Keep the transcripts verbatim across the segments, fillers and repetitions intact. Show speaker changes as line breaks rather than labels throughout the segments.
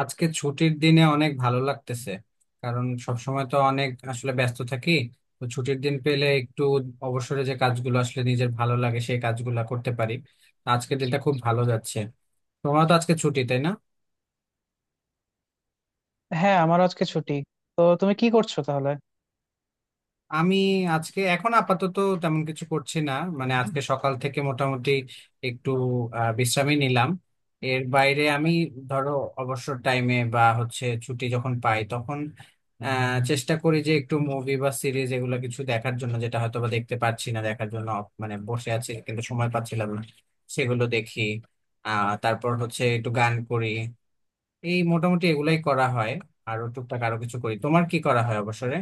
আজকে ছুটির দিনে অনেক ভালো লাগতেছে। কারণ সবসময় তো অনেক আসলে ব্যস্ত থাকি। তো ছুটির দিন পেলে একটু অবসরে যে কাজগুলো আসলে নিজের ভালো লাগে সেই কাজগুলো করতে পারি। আজকের দিনটা খুব ভালো যাচ্ছে। তোমার তো আজকে ছুটি, তাই না?
হ্যাঁ, আমার আজকে ছুটি। তো তুমি কি করছো তাহলে?
আমি আজকে এখন আপাতত তেমন কিছু করছি না। মানে আজকে সকাল থেকে মোটামুটি একটু আহ, বিশ্রামই নিলাম। এর বাইরে আমি ধরো অবসর টাইমে বা হচ্ছে ছুটি যখন পাই তখন আহ, চেষ্টা করি যে একটু মুভি বা সিরিজ এগুলো কিছু দেখার জন্য, যেটা হয়তো বা দেখতে পাচ্ছি না, দেখার জন্য। মানে বসে আছি কিন্তু সময় পাচ্ছিলাম না, সেগুলো দেখি। আহ তারপর হচ্ছে একটু গান করি। এই মোটামুটি এগুলাই করা হয়। আরো টুকটাক আরো কিছু করি। তোমার কি করা হয় অবসরে?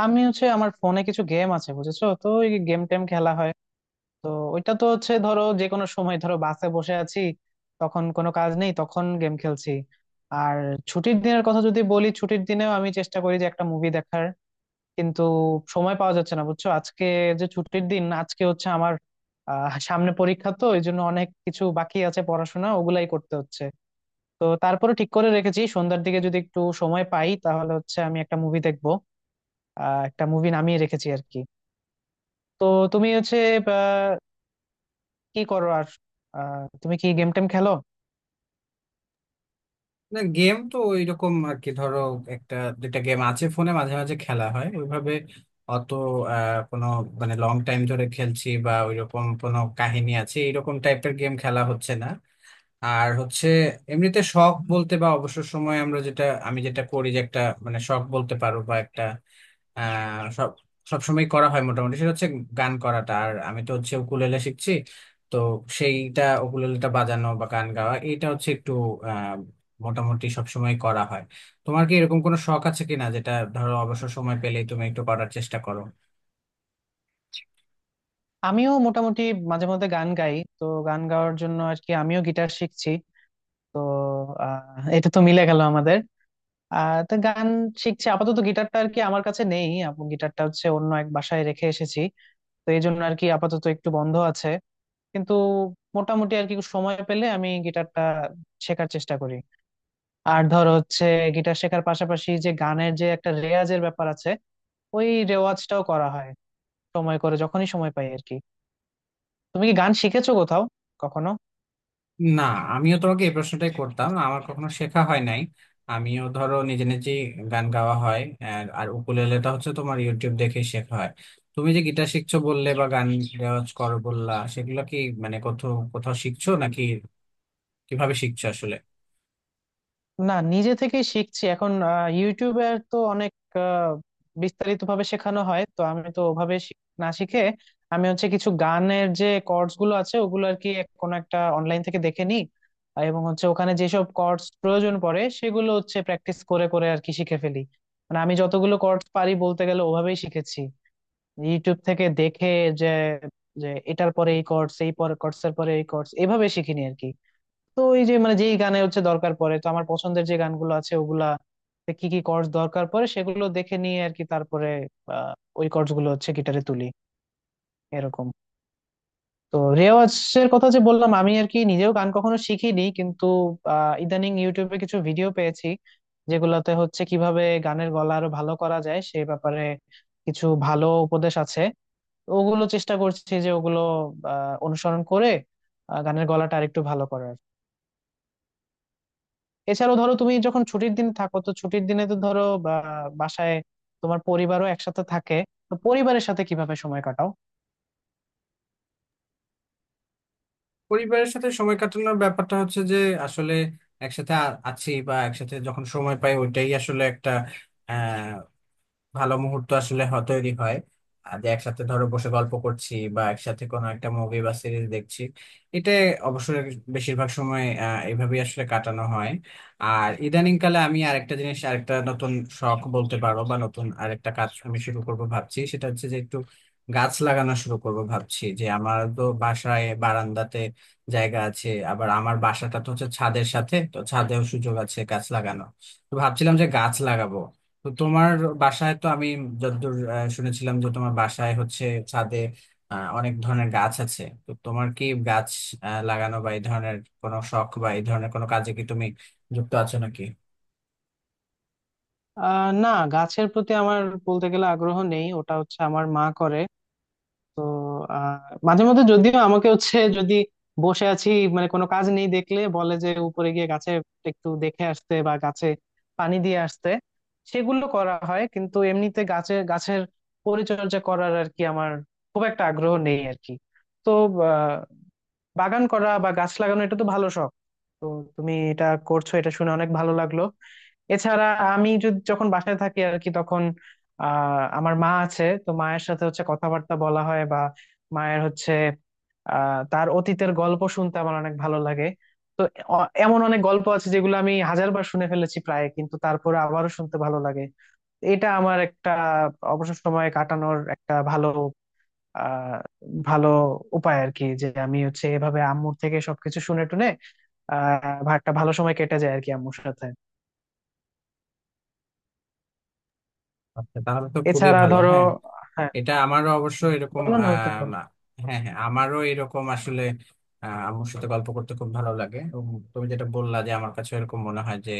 আমি হচ্ছে আমার ফোনে কিছু গেম আছে, বুঝেছো? তো ওই গেম টেম খেলা হয়। তো ওইটা তো হচ্ছে, ধরো যে কোনো সময়, ধরো বাসে বসে আছি, তখন কোনো কাজ নেই, তখন গেম খেলছি। আর ছুটির দিনের কথা যদি বলি, ছুটির দিনেও আমি চেষ্টা করি যে একটা মুভি দেখার, কিন্তু সময় পাওয়া যাচ্ছে না, বুঝছো? আজকে যে ছুটির দিন, আজকে হচ্ছে আমার আহ সামনে পরীক্ষা, তো এই জন্য অনেক কিছু বাকি আছে পড়াশোনা, ওগুলাই করতে হচ্ছে। তো তারপরে ঠিক করে রেখেছি সন্ধ্যার দিকে যদি একটু সময় পাই তাহলে হচ্ছে আমি একটা মুভি দেখবো। আহ একটা মুভি নামিয়ে রেখেছি আর কি। তো তুমি হচ্ছে আহ, কি করো আর? আহ, তুমি কি গেম টেম খেলো?
না, গেম তো ওইরকম আর কি, ধরো একটা দুইটা গেম আছে ফোনে, মাঝে মাঝে খেলা হয় ওইভাবে। অত আহ, কোনো মানে লং টাইম ধরে খেলছি বা ওইরকম কোনো কাহিনী আছে এইরকম টাইপের গেম খেলা হচ্ছে না। আর হচ্ছে এমনিতে শখ বলতে বা অবসর সময় আমরা যেটা আমি যেটা করি যে একটা মানে শখ বলতে পারো বা একটা আহ সব সবসময় করা হয় মোটামুটি, সেটা হচ্ছে গান করাটা। আর আমি তো হচ্ছে উকুলেলে শিখছি। তো সেইটা উকুলেলেটা বাজানো বা গান গাওয়া, এটা হচ্ছে একটু আহ মোটামুটি সবসময় করা হয়। তোমার কি এরকম কোনো শখ আছে কিনা, যেটা ধরো অবসর সময় পেলেই তুমি একটু করার চেষ্টা করো?
আমিও মোটামুটি মাঝে মধ্যে গান গাই, তো গান গাওয়ার জন্য আর কি আমিও গিটার শিখছি। তো আহ, এটা তো মিলে গেল আমাদের। আহ তো গান শিখছি আপাতত। গিটারটা আর কি আমার কাছে নেই, আপ- গিটারটা হচ্ছে অন্য এক বাসায় রেখে এসেছি। তো এই জন্য আর কি আপাতত একটু বন্ধ আছে। কিন্তু মোটামুটি আর কি সময় পেলে আমি গিটারটা শেখার চেষ্টা করি। আর ধর হচ্ছে গিটার শেখার পাশাপাশি যে গানের যে একটা রেওয়াজের ব্যাপার আছে, ওই রেওয়াজটাও করা হয় সময় করে, যখনই সময় পাই আর কি। তুমি কি গান শিখেছো কোথাও কখনো?
না, আমিও তোমাকে এই প্রশ্নটাই করতাম। আমার কখনো শেখা হয় নাই। আমিও ধরো নিজে নিজে গান গাওয়া হয়। আর আর উকুলেলেটা হচ্ছে তোমার ইউটিউব দেখে শেখা হয়। তুমি যে গিটার শিখছো বললে বা গান রেওয়াজ করো বললা, সেগুলো কি মানে কোথাও কোথাও শিখছো নাকি কিভাবে শিখছো আসলে?
না, নিজে থেকেই শিখছি এখন। আহ, ইউটিউবে আর তো অনেক বিস্তারিত ভাবে শেখানো হয়, তো আমি তো ওভাবে শি- না শিখে, আমি হচ্ছে কিছু গানের যে কর্ডস গুলো আছে ওগুলো আর কি এক- কোনো একটা অনলাইন থেকে দেখে নিই। আর এবং হচ্ছে ওখানে যেসব কর্ডস প্রয়োজন পড়ে সেগুলো হচ্ছে প্র্যাকটিস করে করে আর কি শিখে ফেলি। মানে আমি যতগুলো কর্ডস পারি, বলতে গেলে ওভাবেই শিখেছি, ইউটিউব থেকে দেখে। যে যে এটার পরে এই কর্ডস, এই পরে কর্ডস, এর পরে এই কর্ডস, এভাবে শিখিনি আর কি। তো এই যে, মানে যেই গানে হচ্ছে দরকার পড়ে, তো আমার পছন্দের যে গানগুলো আছে ওগুলা তে কি কি কর্ডস দরকার পড়ে সেগুলো দেখে নিয়ে আর কি তারপরে আহ, ওই কর্ডস গুলো হচ্ছে গিটারে তুলি, এরকম। তো রেওয়াজের কথা যে বললাম, আমি আর কি নিজেও গান কখনো শিখিনি, কিন্তু আহ, ইদানিং ইউটিউবে কিছু ভিডিও পেয়েছি যেগুলোতে হচ্ছে কিভাবে গানের গলা আরো ভালো করা যায় সে ব্যাপারে কিছু ভালো উপদেশ আছে। তো ওগুলো চেষ্টা করছি যে ওগুলো আহ অনুসরণ করে আহ, গানের গলাটা আরেকটু ভালো করার। এছাড়াও ধরো তুমি যখন ছুটির দিনে থাকো, তো ছুটির দিনে তো ধরো বা বাসায় তোমার পরিবারও একসাথে থাকে, তো পরিবারের সাথে কিভাবে সময় কাটাও?
পরিবারের সাথে সময় কাটানোর ব্যাপারটা হচ্ছে যে আসলে একসাথে আ- আছি বা একসাথে যখন সময় পাই, ওইটাই আসলে একটা ভালো মুহূর্ত আসলে হ- তৈরি হয়। আর যে একসাথে ধরো বসে গল্প করছি বা একসাথে কোনো একটা মুভি বা সিরিজ দেখছি, এটা অবশ্যই বেশিরভাগ সময় আহ, এভাবেই আসলে কাটানো হয়। আর ইদানিং কালে আমি আরেকটা জিনিস, আরেকটা নতুন শখ বলতে পারো বা নতুন আরেকটা কাজ আমি শুরু করব ভাবছি। সেটা হচ্ছে যে একটু গাছ লাগানো শুরু করব ভাবছি, যে আমার তো বাসায় বারান্দাতে জায়গা আছে, আবার আমার বাসাটা তো হচ্ছে ছাদের সাথে, তো ছাদেও সুযোগ আছে গাছ লাগানো। তো ভাবছিলাম যে গাছ লাগাবো। তো তোমার বাসায় তো আমি যতদূর আহ, শুনেছিলাম, যে তোমার বাসায় হচ্ছে ছাদে আহ, অনেক ধরনের গাছ আছে। তো তোমার কি গাছ আহ, লাগানো বা এই ধরনের কোনো শখ বা এই ধরনের কোনো কাজে কি তুমি যুক্ত আছো নাকি?
আহ না, গাছের প্রতি আমার বলতে গেলে আগ্রহ নেই, ওটা হচ্ছে আমার মা করে। তো আহ মাঝে মধ্যে যদিও আমাকে হচ্ছে, যদি বসে আছি, মানে কোনো কাজ নেই দেখলে বলে যে উপরে গিয়ে গাছে একটু দেখে আসতে বা গাছে পানি দিয়ে আসতে, সেগুলো করা হয়। কিন্তু এমনিতে গাছে, গাছের পরিচর্যা করার আর কি আমার খুব একটা আগ্রহ নেই আর কি। তো বাগান করা বা গাছ লাগানো এটা তো ভালো শখ, তো তুমি এটা করছো এটা শুনে অনেক ভালো লাগলো। এছাড়া আমি যদি, যখন বাসায় থাকি আর কি, তখন আহ আমার মা আছে, তো মায়ের সাথে হচ্ছে কথাবার্তা বলা হয় বা মায়ের হচ্ছে আহ তার অতীতের গল্প শুনতে আমার অনেক ভালো লাগে। তো অ- এমন অনেক গল্প আছে যেগুলো আমি হাজারবার শুনে ফেলেছি প্রায়, কিন্তু তারপরে আবারও শুনতে ভালো লাগে। এটা আমার একটা অবসর সময় কাটানোর একটা ভালো আহ ভালো উপায় আর কি, যে আমি হচ্ছে এভাবে আম্মুর থেকে সবকিছু শুনে টুনে আহ ভা- একটা ভালো সময় কেটে যায় আর কি আম্মুর সাথে।
আচ্ছা, তাহলে তো খুবই
এছাড়া
ভালো।
ধরো,
হ্যাঁ।
হ্যাঁ,
এটা আমারও অবশ্য এরকম।
বলো না, তুমি বলো।
আহ হ্যাঁ, হ্যাঁ, আমারও এরকম আসলে আহ, আম্মুর সাথে গল্প করতে খুব ভালো লাগে। এবং তুমি যেটা বললা, যে আমার কাছে এরকম মনে হয় যে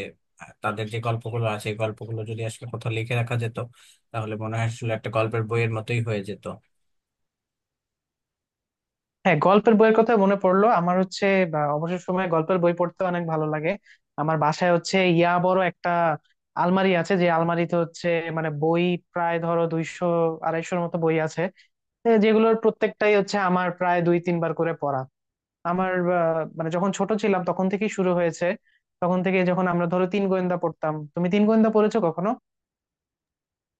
আহ, তাদের যে গল্পগুলো আছে, এই গল্পগুলো যদি আসলে কোথাও লিখে রাখা যেত, তাহলে মনে হয় আসলে একটা গল্পের বইয়ের মতোই হয়ে যেত।
হ্যাঁ, গল্পের বইয়ের কথা মনে পড়লো আমার হচ্ছে বা, অবসর সময়ে গল্পের বই পড়তে অনেক ভালো লাগে। আমার বাসায় হচ্ছে ইয়া বড় একটা আলমারি আছে, যে আলমারিতে হচ্ছে, মানে, বই প্রায় ধরো দুইশো আড়াইশোর মতো বই আছে, এ, যেগুলোর প্রত্যেকটাই হচ্ছে আমার প্রায় দুই তিনবার করে পড়া। আমার আহ, মানে যখন ছোট ছিলাম তখন থেকেই শুরু হয়েছে। তখন থেকে, যখন আমরা ধরো তিন গোয়েন্দা পড়তাম। তুমি তিন গোয়েন্দা পড়েছো কখনো?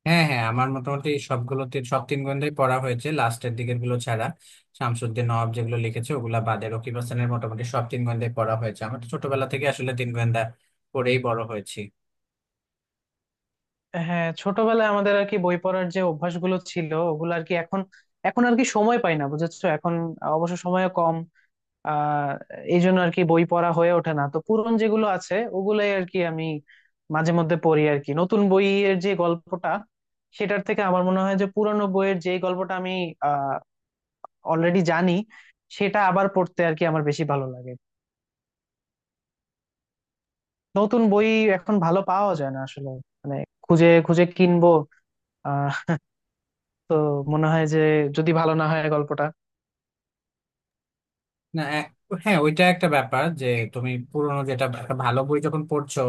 হ্যাঁ, হ্যাঁ, আমার মোটামুটি সবগুলোতে সব তিন গ্রন্থই পড়া হয়েছে, লাস্টের দিকের গুলো ছাড়া। শামসুদ্দিন নওয়াব যেগুলো লিখেছে ওগুলা বাদে রকিব হাসানের মোটামুটি সব তিন গ্রন্থই পড়া হয়েছে আমার। তো ছোটবেলা থেকে আসলে তিন গোয়েন্দা পড়েই বড় হয়েছি।
হ্যাঁ, ছোটবেলায় আমাদের আর কি বই পড়ার যে অভ্যাসগুলো ছিল ওগুলো আর কি এখন, এখন আর কি সময় পাই না, বুঝেছো? এখন অবশ্য সময় কম। আহ এই জন্য আর কি বই পড়া হয়ে ওঠে না। তো পুরনো যেগুলো আছে ওগুলাই আর কি আমি মাঝে মধ্যে পড়ি আর কি। নতুন বইয়ের যে গল্পটা, সেটার থেকে আমার মনে হয় যে পুরনো বইয়ের যে গল্পটা আমি আহ অলরেডি জানি, সেটা আবার পড়তে আর কি আমার বেশি ভালো লাগে। নতুন বই এখন ভালো পাওয়া যায় না আসলে, মানে, খুঁজে খুঁজে কিনবো, আহ তো মনে হয় যে যদি ভালো না হয় গল্পটা।
না, এক- হ্যাঁ, ওইটা একটা ব্যাপার যে তুমি পুরোনো যেটা একটা ভালো বই যখন পড়ছো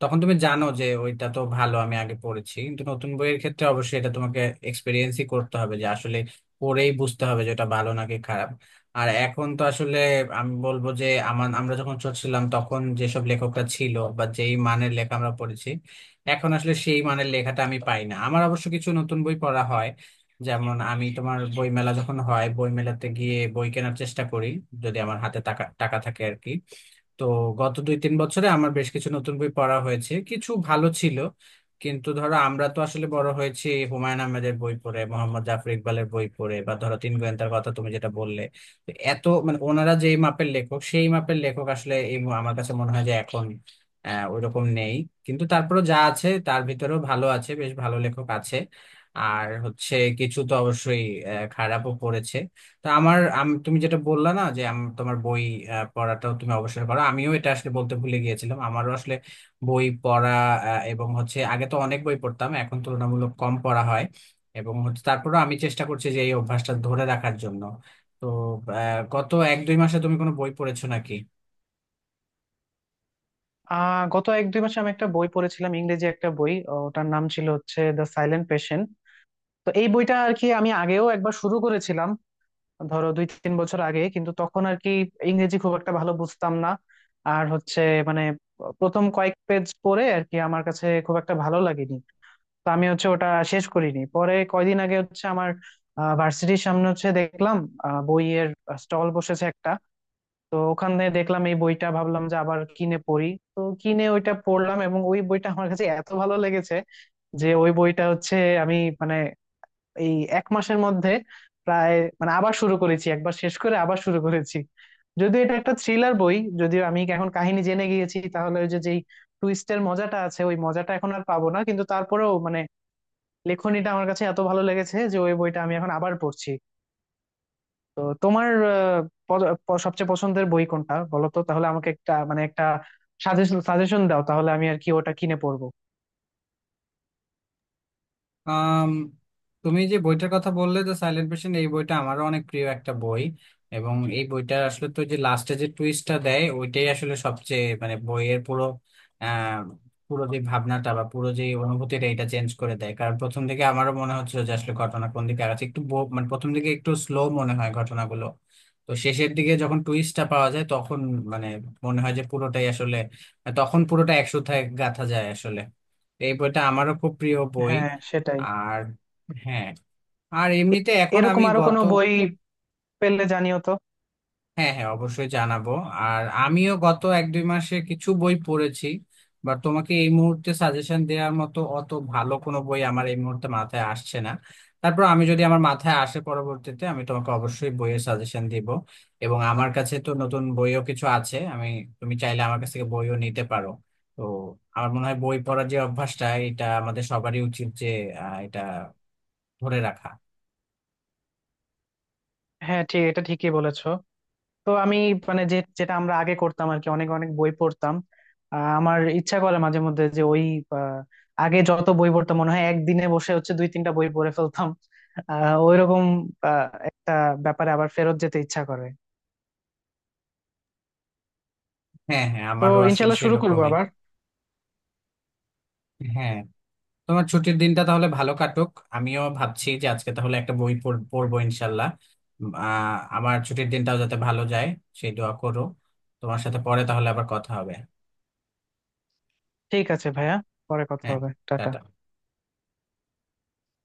তখন তুমি জানো যে ওইটা তো ভালো, আমি আগে পড়েছি। কিন্তু নতুন বইয়ের ক্ষেত্রে অবশ্যই এটা তোমাকে এক্সপিরিয়েন্সই করতে হবে, যে আসলে পড়েই বুঝতে হবে যে এটা ভালো নাকি খারাপ। আর এখন তো আসলে আমি বলবো যে আমার আমরা যখন ছোট ছিলাম তখন যেসব লেখকরা ছিল বা যেই মানের লেখা আমরা পড়েছি, এখন আসলে সেই মানের লেখাটা আমি পাই না। আমার অবশ্য কিছু নতুন বই পড়া হয়, যেমন আমি তোমার বই মেলা যখন হয় বই মেলাতে গিয়ে বই কেনার চেষ্টা করি, যদি আমার হাতে টাকা টাকা থাকে আর কি। তো গত দুই তিন বছরে আমার বেশ কিছু নতুন বই পড়া হয়েছে, কিছু ভালো ছিল। কিন্তু ধরো আমরা তো আসলে বড় হয়েছি হুমায়ুন আহমেদের বই পড়ে, মোহাম্মদ জাফর ইকবালের বই পড়ে বা ধরো তিন গোয়েন্দার কথা তুমি যেটা বললে। তো এত মানে ওনারা যেই মাপের লেখক সেই মাপের লেখক আসলে, এই মু- আমার কাছে মনে হয় যে এখন আহ ওইরকম নেই। কিন্তু তারপরে যা আছে তার ভিতরেও ভালো আছে, বেশ ভালো লেখক আছে। আর হচ্ছে কিছু তো অবশ্যই আহ, খারাপও পড়েছে। তা আমার আম- তুমি যেটা বললা না যে আম- তোমার বই আহ, পড়াটাও তুমি অবশ্যই করো। আমিও এটা আসলে বলতে ভুলে গিয়েছিলাম। আমারও আসলে বই পড়া, আহ, এবং হচ্ছে আগে তো অনেক বই পড়তাম, এখন তুলনামূলক কম পড়া হয়। এবং হচ্ছে তারপরেও আমি চেষ্টা করছি যে এই অভ্যাসটা ধরে রাখার জন্য। তো আহ, গত এক দুই মাসে তুমি কোনো বই পড়েছো নাকি?
আহ গত এক দুই মাসে আমি একটা বই পড়েছিলাম, ইংরেজি একটা বই। ওটার নাম ছিল হচ্ছে দ্য সাইলেন্ট পেশেন্ট। তো এই বইটা আর কি আমি আগেও একবার শুরু করেছিলাম, ধরো দুই তিন বছর আগে, কিন্তু তখন আর কি ইংরেজি খুব একটা ভালো বুঝতাম না আর হচ্ছে, মানে, প্রথম কয়েক পেজ পড়ে আর কি আমার কাছে খুব একটা ভালো লাগেনি। তো আমি হচ্ছে ওটা শেষ করিনি। পরে কয়দিন আগে হচ্ছে আমার ভার্সিটির সামনে হচ্ছে দেখলাম আহ, বইয়ের স্টল বসেছে একটা। তো ওখান থেকে দেখলাম এই বইটা, ভাবলাম যে আবার কিনে পড়ি। তো কিনে ওইটা পড়লাম, এবং ওই বইটা আমার কাছে এত ভালো লেগেছে যে ওই বইটা হচ্ছে আমি, মানে, এই এক মাসের মধ্যে প্রায়, মানে, আবার শুরু করেছি, একবার শেষ করে আবার শুরু করেছি। যদিও এটা একটা থ্রিলার বই, যদিও আমি এখন কাহিনী জেনে গিয়েছি, তাহলে ওই যে যেই টুইস্টের মজাটা আছে ওই মজাটা এখন আর পাবো না, কিন্তু তারপরেও, মানে, লেখনীটা আমার কাছে এত ভালো লেগেছে যে ওই বইটা আমি এখন আবার পড়ছি। তো তোমার আহ, প- প- সবচেয়ে পছন্দের বই কোনটা? বলো তো তাহলে আমাকে, একটা, মানে, একটা সাজেশন সাজেশন দাও, তাহলে আমি আর কি ওটা কিনে পড়বো।
আম, তুমি যে বইটার কথা বললে, যে সাইলেন্ট পেশেন্ট, এই বইটা আমারও অনেক প্রিয় একটা বই। এবং এই বইটা আসলে তো যে লাস্টে যে টুইস্টটা দেয়, ওইটাই আসলে সবচেয়ে মানে বইয়ের পুরো আহ পুরো যে ভাবনাটা বা পুরো যে অনুভূতিটা এটা চেঞ্জ করে দেয়। কারণ প্রথম দিকে আমারও মনে হচ্ছিল যে আসলে ঘটনা কোন দিকে আগাচ্ছে, একটু বো- মানে প্রথম দিকে একটু স্লো মনে হয় ঘটনাগুলো। তো শেষের দিকে যখন টুইস্টটা পাওয়া যায়, তখন মানে মনে হয় যে পুরোটাই আসলে, তখন পুরোটা একসূত্রে গাঁথা যায় আসলে। তো এই বইটা আমারও খুব প্রিয় বই।
হ্যাঁ সেটাই।
আর, হ্যাঁ। আর
এ-
এমনিতে এখন
এরকম
আমি
আরো কোনো
গত।
বই পেলে জানিও তো।
হ্যাঁ, হ্যাঁ, অবশ্যই জানাবো। আর আমিও গত এক দুই মাসে কিছু বই পড়েছি, বা তোমাকে এই মুহূর্তে সাজেশন দেওয়ার মতো অত ভালো কোনো বই আমার এই মুহূর্তে মাথায় আসছে না। তারপর আমি যদি আমার মাথায় আসে পরবর্তীতে আমি তোমাকে অবশ্যই বইয়ের সাজেশন দিব। এবং আমার কাছে তো নতুন বইও কিছু আছে, আমি, তুমি চাইলে আমার কাছ থেকে বইও নিতে পারো। তো আমার মনে হয় বই পড়ার যে অভ্যাসটা এটা আমাদের সবারই উচিত যে আহ, এটা ধরে রাখা।
হ্যাঁ, ঠিক, এটা ঠিকই বলেছো। তো আমি, মানে, যে যেটা আমরা আগে করতাম আর কি, অনেক অনেক বই পড়তাম, আহ, আমার ইচ্ছা করে মাঝে মধ্যে যে ওই, আহ, আগে যত বই পড়তাম মনে হয় একদিনে বসে হচ্ছে দুই তিনটা বই পড়ে ফেলতাম। আহ ওইরকম আহ, একটা ব্যাপারে আবার ফেরত যেতে ইচ্ছা করে।
হ্যাঁ, হ্যাঁ,
তো
আমারও আসলে
ইনশাল্লাহ শুরু করবো
সেরকমই।
আবার।
হ্যাঁ। তোমার ছুটির দিনটা তাহলে ভালো কাটুক। আমিও ভাবছি যে আজকে তাহলে একটা বই পড়- পড়বো ইনশাল্লাহ। উম, আহ, আমার ছুটির দিনটাও যাতে ভালো যায় সেই দোয়া করো। তোমার সাথে পরে তাহলে আবার কথা হবে।
ঠিক আছে ভাইয়া, পরে কথা
হ্যাঁ,
হবে, টাটা।
টাটা।